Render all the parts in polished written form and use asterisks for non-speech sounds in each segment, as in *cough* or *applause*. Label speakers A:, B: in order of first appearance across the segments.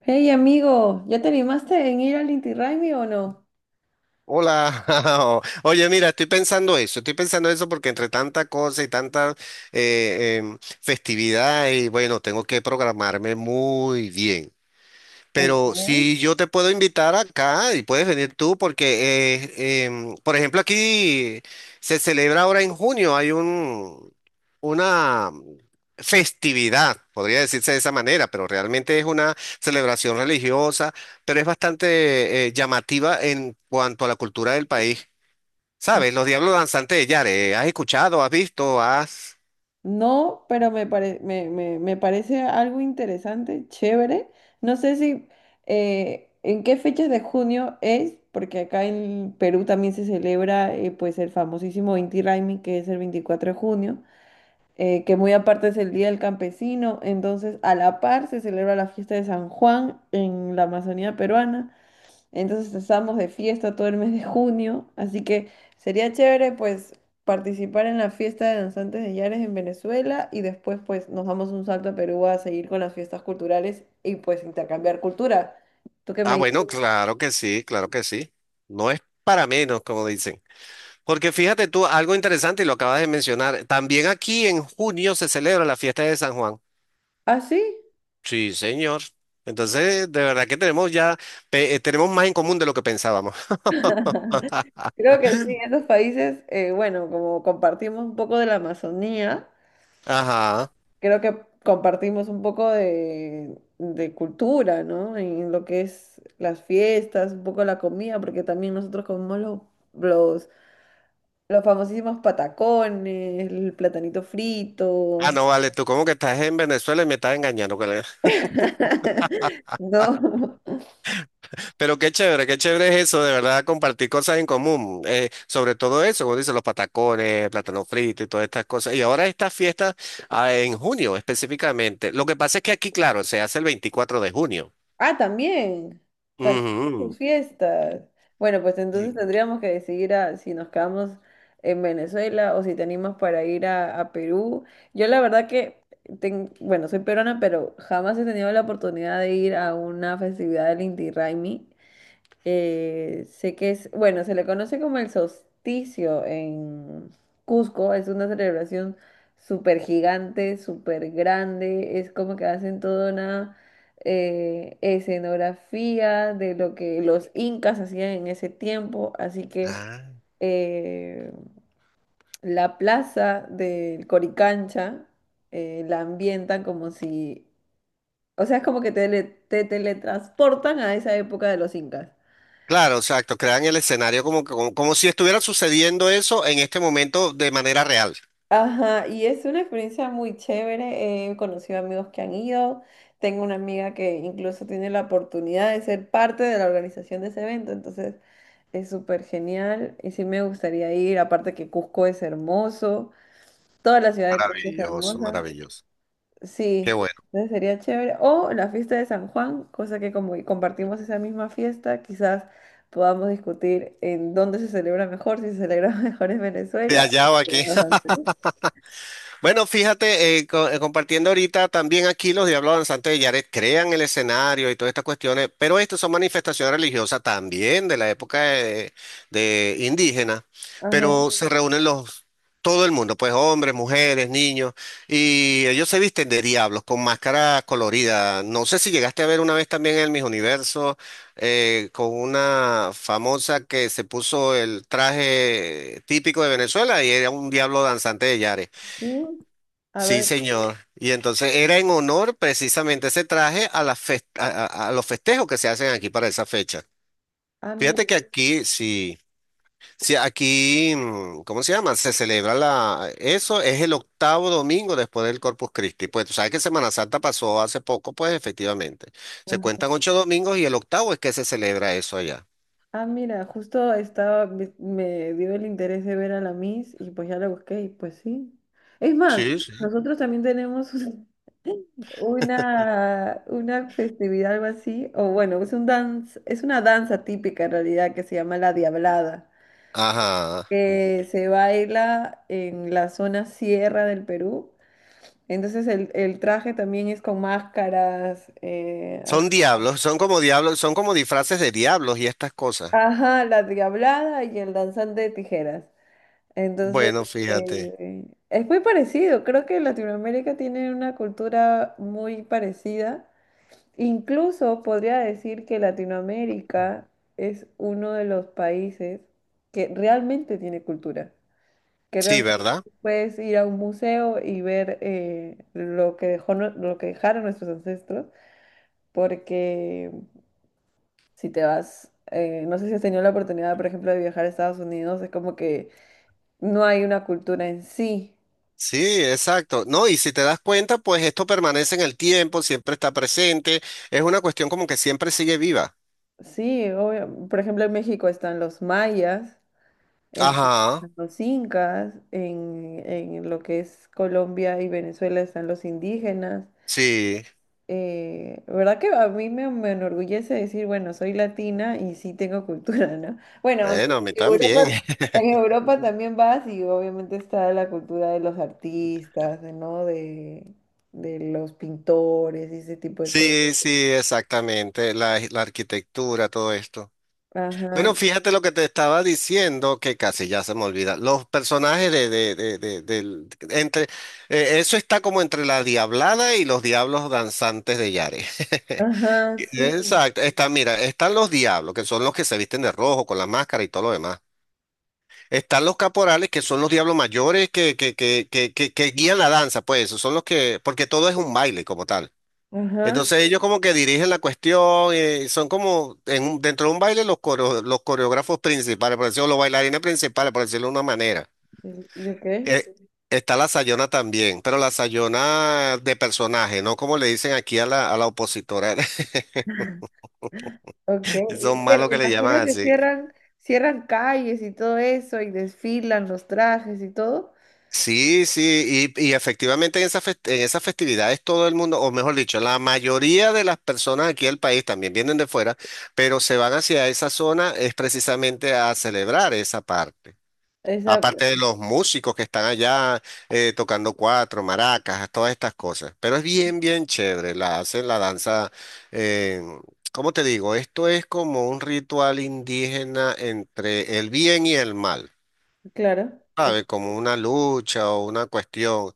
A: Hey amigo, ¿ya te animaste en ir al Inti Raymi o no?
B: Hola, *laughs* oye, mira, estoy pensando eso porque entre tanta cosa y tanta festividad y bueno, tengo que programarme muy bien. Pero
A: Okay.
B: si yo te puedo invitar acá y puedes venir tú porque, por ejemplo, aquí se celebra ahora en junio, hay un, una festividad, podría decirse de esa manera, pero realmente es una celebración religiosa, pero es bastante llamativa en cuanto a la cultura del país. ¿Sabes? Los Diablos Danzantes de Yare, ¿has escuchado, has visto, has...
A: No, pero me, me, me parece algo interesante, chévere. No sé si en qué fechas de junio es, porque acá en Perú también se celebra pues el famosísimo Inti Raymi, que es el 24 de junio, que muy aparte es el Día del Campesino. Entonces, a la par se celebra la fiesta de San Juan en la Amazonía peruana. Entonces estamos de fiesta todo el mes de junio, así que sería chévere pues participar en la fiesta de danzantes de Yares en Venezuela y después pues nos damos un salto a Perú a seguir con las fiestas culturales y pues intercambiar cultura. ¿Tú qué me
B: Ah,
A: dices?
B: bueno, claro que sí, claro que sí. No es para menos, como dicen. Porque fíjate tú, algo interesante y lo acabas de mencionar, también aquí en junio se celebra la fiesta de San Juan.
A: Ah, sí,
B: Sí, señor. Entonces, de verdad que tenemos ya, tenemos más en común de lo que pensábamos.
A: creo que sí, en esos países, bueno, como compartimos un poco de la Amazonía,
B: Ajá.
A: creo que compartimos un poco de cultura, ¿no? En lo que es las fiestas, un poco la comida, porque también nosotros comemos los los famosísimos patacones, el platanito
B: Ah,
A: frito.
B: no, vale, tú como que estás en Venezuela y me estás engañando, colega.
A: *laughs* No.
B: *laughs* Pero qué chévere es eso, de verdad, compartir cosas en común. Sobre todo eso, como dicen, los patacones, plátano frito y todas estas cosas. Y ahora esta fiesta, ah, en junio específicamente. Lo que pasa es que aquí, claro, se hace el 24 de junio.
A: Ah, también. También sus
B: Ujú.
A: fiestas. Bueno, pues entonces tendríamos que decidir si nos quedamos en Venezuela o si tenemos para ir a Perú. Yo la verdad que, bueno, soy peruana, pero jamás he tenido la oportunidad de ir a una festividad del Inti Raymi. Sé que es, bueno, se le conoce como el solsticio en Cusco, es una celebración súper gigante, súper grande, es como que hacen toda una escenografía de lo que los incas hacían en ese tiempo, así que
B: Ah,
A: eh, la plaza del Coricancha la ambientan como si, o sea, es como que te, te teletransportan a esa época de los incas.
B: claro, exacto. Crean el escenario como, como, como si estuviera sucediendo eso en este momento de manera real.
A: Ajá, y es una experiencia muy chévere. He conocido amigos que han ido. Tengo una amiga que incluso tiene la oportunidad de ser parte de la organización de ese evento, entonces es súper genial y sí me gustaría ir. Aparte que Cusco es hermoso, toda la ciudad de Cusco es
B: Maravilloso,
A: hermosa.
B: maravilloso. Qué
A: Sí,
B: bueno.
A: entonces sería chévere. O la fiesta de San Juan, cosa que como compartimos esa misma fiesta, quizás podamos discutir en dónde se celebra mejor, si se celebra *laughs* mejor en
B: Te
A: Venezuela
B: hallado
A: o
B: aquí.
A: en Perú.
B: Bueno, fíjate, compartiendo ahorita también aquí los Diablos Danzantes de Yaret crean el escenario y todas estas cuestiones, pero estas son manifestaciones religiosas también de la época de indígena,
A: Ajá.
B: pero se reúnen los, todo el mundo, pues hombres, mujeres, niños, y ellos se visten de diablos con máscaras coloridas. No sé si llegaste a ver una vez también el Miss Universo con una famosa que se puso el traje típico de Venezuela y era un diablo danzante de Yaret.
A: Sí. A
B: Sí,
A: ver,
B: señor. Y entonces era en honor precisamente ese traje a, las fes- a los festejos que se hacen aquí para esa fecha.
A: ah, mira,
B: Fíjate que aquí, sí, sí, aquí, ¿cómo se llama? Se celebra la, eso es el octavo domingo después del Corpus Christi. Pues tú sabes que Semana Santa pasó hace poco, pues efectivamente. Se cuentan 8 domingos y el octavo es que se celebra eso allá.
A: ah, mira, justo estaba, me dio el interés de ver a la Miss y pues ya la busqué y pues sí. Es más,
B: Sí, sí.
A: nosotros también tenemos *laughs* una festividad, algo así, o bueno, es un dance, es una danza típica en realidad que se llama la Diablada,
B: Ajá.
A: que se baila en la zona sierra del Perú. Entonces el traje también es con máscaras, así.
B: Son diablos, son como disfraces de diablos y estas cosas.
A: Ajá, la Diablada y el danzante de tijeras. Entonces,
B: Bueno, fíjate.
A: es muy parecido. Creo que Latinoamérica tiene una cultura muy parecida. Incluso podría decir que Latinoamérica es uno de los países que realmente tiene cultura. Que
B: Sí,
A: realmente
B: ¿verdad?
A: puedes ir a un museo y ver lo que dejó, lo que dejaron nuestros ancestros. Porque si te vas, no sé si has tenido la oportunidad, por ejemplo, de viajar a Estados Unidos, es como que no hay una cultura en sí.
B: Sí, exacto. No, y si te das cuenta, pues esto permanece en el tiempo, siempre está presente. Es una cuestión como que siempre sigue viva.
A: Sí, obvio. Por ejemplo, en México están los mayas, en Perú
B: Ajá,
A: están los incas, en lo que es Colombia y Venezuela están los indígenas.
B: sí.
A: ¿Verdad que a mí me, me enorgullece decir, bueno, soy latina y sí tengo cultura, ¿no? Bueno, aunque
B: Bueno, a mí también. *laughs*
A: En Europa también vas y obviamente está la cultura de los artistas, ¿no? De los pintores y ese tipo de cosas.
B: Sí, sí, exactamente. La arquitectura, todo esto.
A: Ajá,
B: Bueno, fíjate lo que te estaba diciendo, que casi ya se me olvida. Los personajes entre, eso está como entre la Diablada y los Diablos Danzantes de Yare. *laughs*
A: ajá, sí,
B: Exacto. Está, mira, están los diablos, que son los que se visten de rojo con la máscara y todo lo demás. Están los caporales, que son los diablos mayores que guían la danza, pues, esos son los que, porque todo es un baile como tal.
A: ajá.
B: Entonces ellos como que dirigen la cuestión, son como en dentro de un baile los, los coreógrafos principales, por decirlo, los bailarines principales, por decirlo de una manera.
A: ¿Y ok?
B: Eh, Está la Sayona también, pero la Sayona de personaje, no como le dicen aquí a la opositora.
A: Ok.
B: *laughs*
A: Y
B: Son malos
A: me
B: que le llaman
A: imagino que
B: así.
A: cierran, cierran calles y todo eso, y desfilan los trajes y todo.
B: Sí, sí, y efectivamente en en esas festividades todo el mundo, o mejor dicho, la mayoría de las personas aquí del país también vienen de fuera, pero se van hacia esa zona es precisamente a celebrar esa parte.
A: Esa,
B: Aparte de los músicos que están allá tocando cuatro, maracas, todas estas cosas. Pero es bien, bien chévere. La hacen la danza. eh, ¿Cómo te digo? Esto es como un ritual indígena entre el bien y el mal.
A: claro. Ok,
B: Sabe, como una lucha o una cuestión.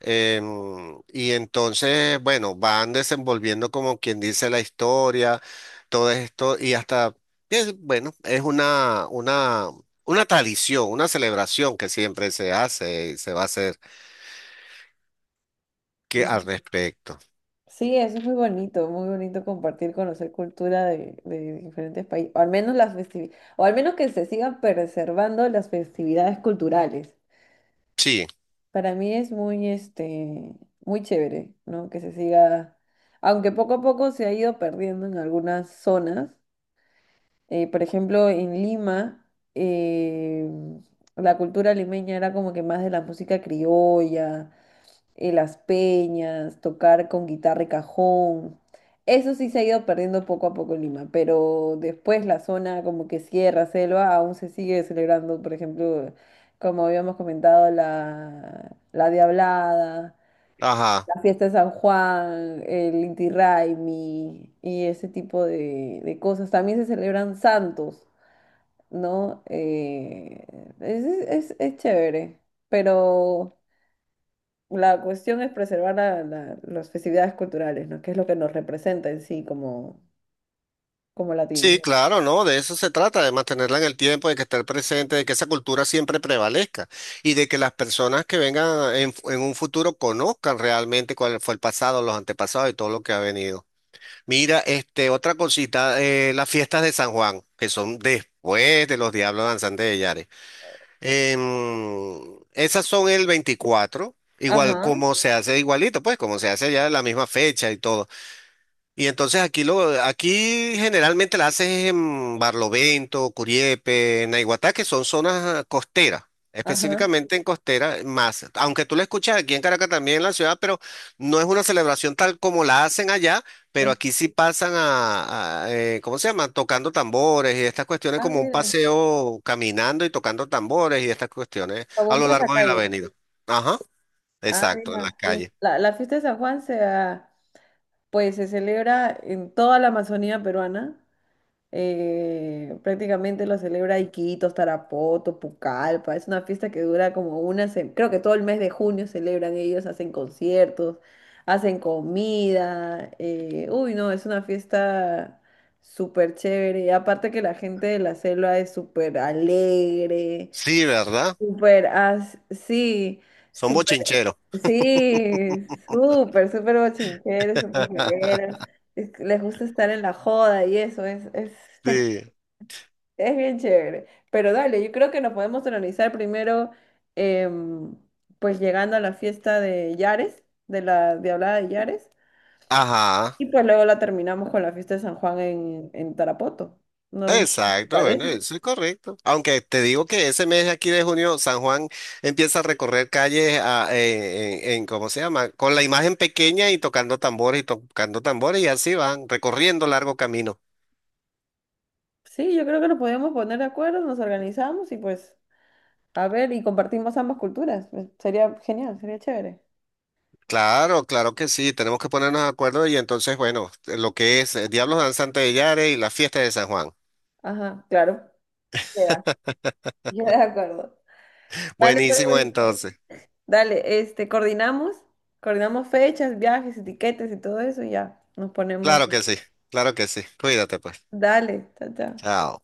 B: Y entonces, bueno, van desenvolviendo como quien dice la historia, todo esto, y hasta, es, bueno, es una tradición, una celebración que siempre se hace y se va a hacer que, al
A: mm.
B: respecto.
A: Sí, eso es muy bonito compartir, conocer cultura de diferentes países, o al menos las o al menos que se sigan preservando las festividades culturales.
B: Sí,
A: Para mí es muy, este, muy chévere, ¿no? Que se siga, aunque poco a poco se ha ido perdiendo en algunas zonas. Por ejemplo, en Lima, eh, la cultura limeña era como que más de la música criolla, las peñas, tocar con guitarra y cajón. Eso sí se ha ido perdiendo poco a poco en Lima, pero después la zona como que sierra, selva, aún se sigue celebrando, por ejemplo, como habíamos comentado, la, la Diablada,
B: ajá.
A: la fiesta de San Juan, el Inti Raymi y ese tipo de cosas. También se celebran santos. ¿No? Es, es chévere, pero la cuestión es preservar las festividades culturales, ¿no? Que es lo que nos representa en sí como, como latinos.
B: Sí, claro, ¿no? De eso se trata, de mantenerla en el tiempo, de que esté presente, de que esa cultura siempre prevalezca y de que las personas que vengan en un futuro conozcan realmente cuál fue el pasado, los antepasados y todo lo que ha venido. Mira, este, otra cosita, las fiestas de San Juan, que son después de los Diablos Danzantes de Yare. Esas son el 24, igual
A: Ajá,
B: como se hace, igualito, pues como se hace ya en la misma fecha y todo. Y entonces aquí lo, aquí generalmente la haces en Barlovento, Curiepe, Naiguatá, que son zonas ah, costeras,
A: ajá,
B: específicamente en costera más. Aunque tú la escuchas aquí en Caracas también en la ciudad, pero no es una celebración tal como la hacen allá, pero
A: ajá.
B: aquí sí pasan a, ¿cómo se llama? Tocando tambores y estas cuestiones
A: Ah,
B: como un
A: mira,
B: paseo caminando y tocando tambores y estas cuestiones
A: como
B: a
A: un
B: lo largo de la
A: pasacalle.
B: avenida. Ajá,
A: Ah,
B: exacto, en las
A: mira. Y
B: calles.
A: la fiesta de San Juan se, ah, pues, se celebra en toda la Amazonía peruana. Prácticamente lo celebra Iquitos, Tarapoto, Pucallpa. Es una fiesta que dura como una semana. Creo que todo el mes de junio celebran ellos, hacen conciertos, hacen comida. Uy, no, es una fiesta súper chévere. Y aparte que la gente de la selva es súper alegre,
B: Sí, ¿verdad?
A: súper sí,
B: Son
A: súper,
B: bochincheros.
A: sí, súper, súper bochinchero, súper
B: *laughs*
A: joguero. Es- que Les gusta estar en la joda y eso
B: Sí.
A: es bien chévere. Pero dale, yo creo que nos podemos organizar primero, em, pues llegando a la fiesta de Yares, de la Diablada de Yares,
B: Ajá.
A: y pues luego la terminamos con la fiesta de San Juan en Tarapoto. No sé si te
B: Exacto, bueno,
A: parece.
B: eso es correcto. Aunque te digo que ese mes aquí de junio, San Juan empieza a recorrer calles ¿cómo se llama? Con la imagen pequeña y tocando tambores y tocando tambores y así van, recorriendo largo camino.
A: Sí, yo creo que nos podemos poner de acuerdo, nos organizamos y pues, a ver, y compartimos ambas culturas. Pues, sería genial, sería chévere.
B: Claro, claro que sí, tenemos que ponernos de acuerdo y entonces, bueno, lo que es Diablos Danzantes de Yare y la fiesta de San Juan.
A: Ajá, claro. Queda, *laughs* queda de acuerdo. Dale, pues,
B: Buenísimo
A: Luis.
B: entonces.
A: Dale, este, coordinamos, coordinamos fechas, viajes, etiquetas y todo eso y ya nos ponemos.
B: Claro que sí, claro que sí. Cuídate pues.
A: Dale, chao, chao.
B: Chao.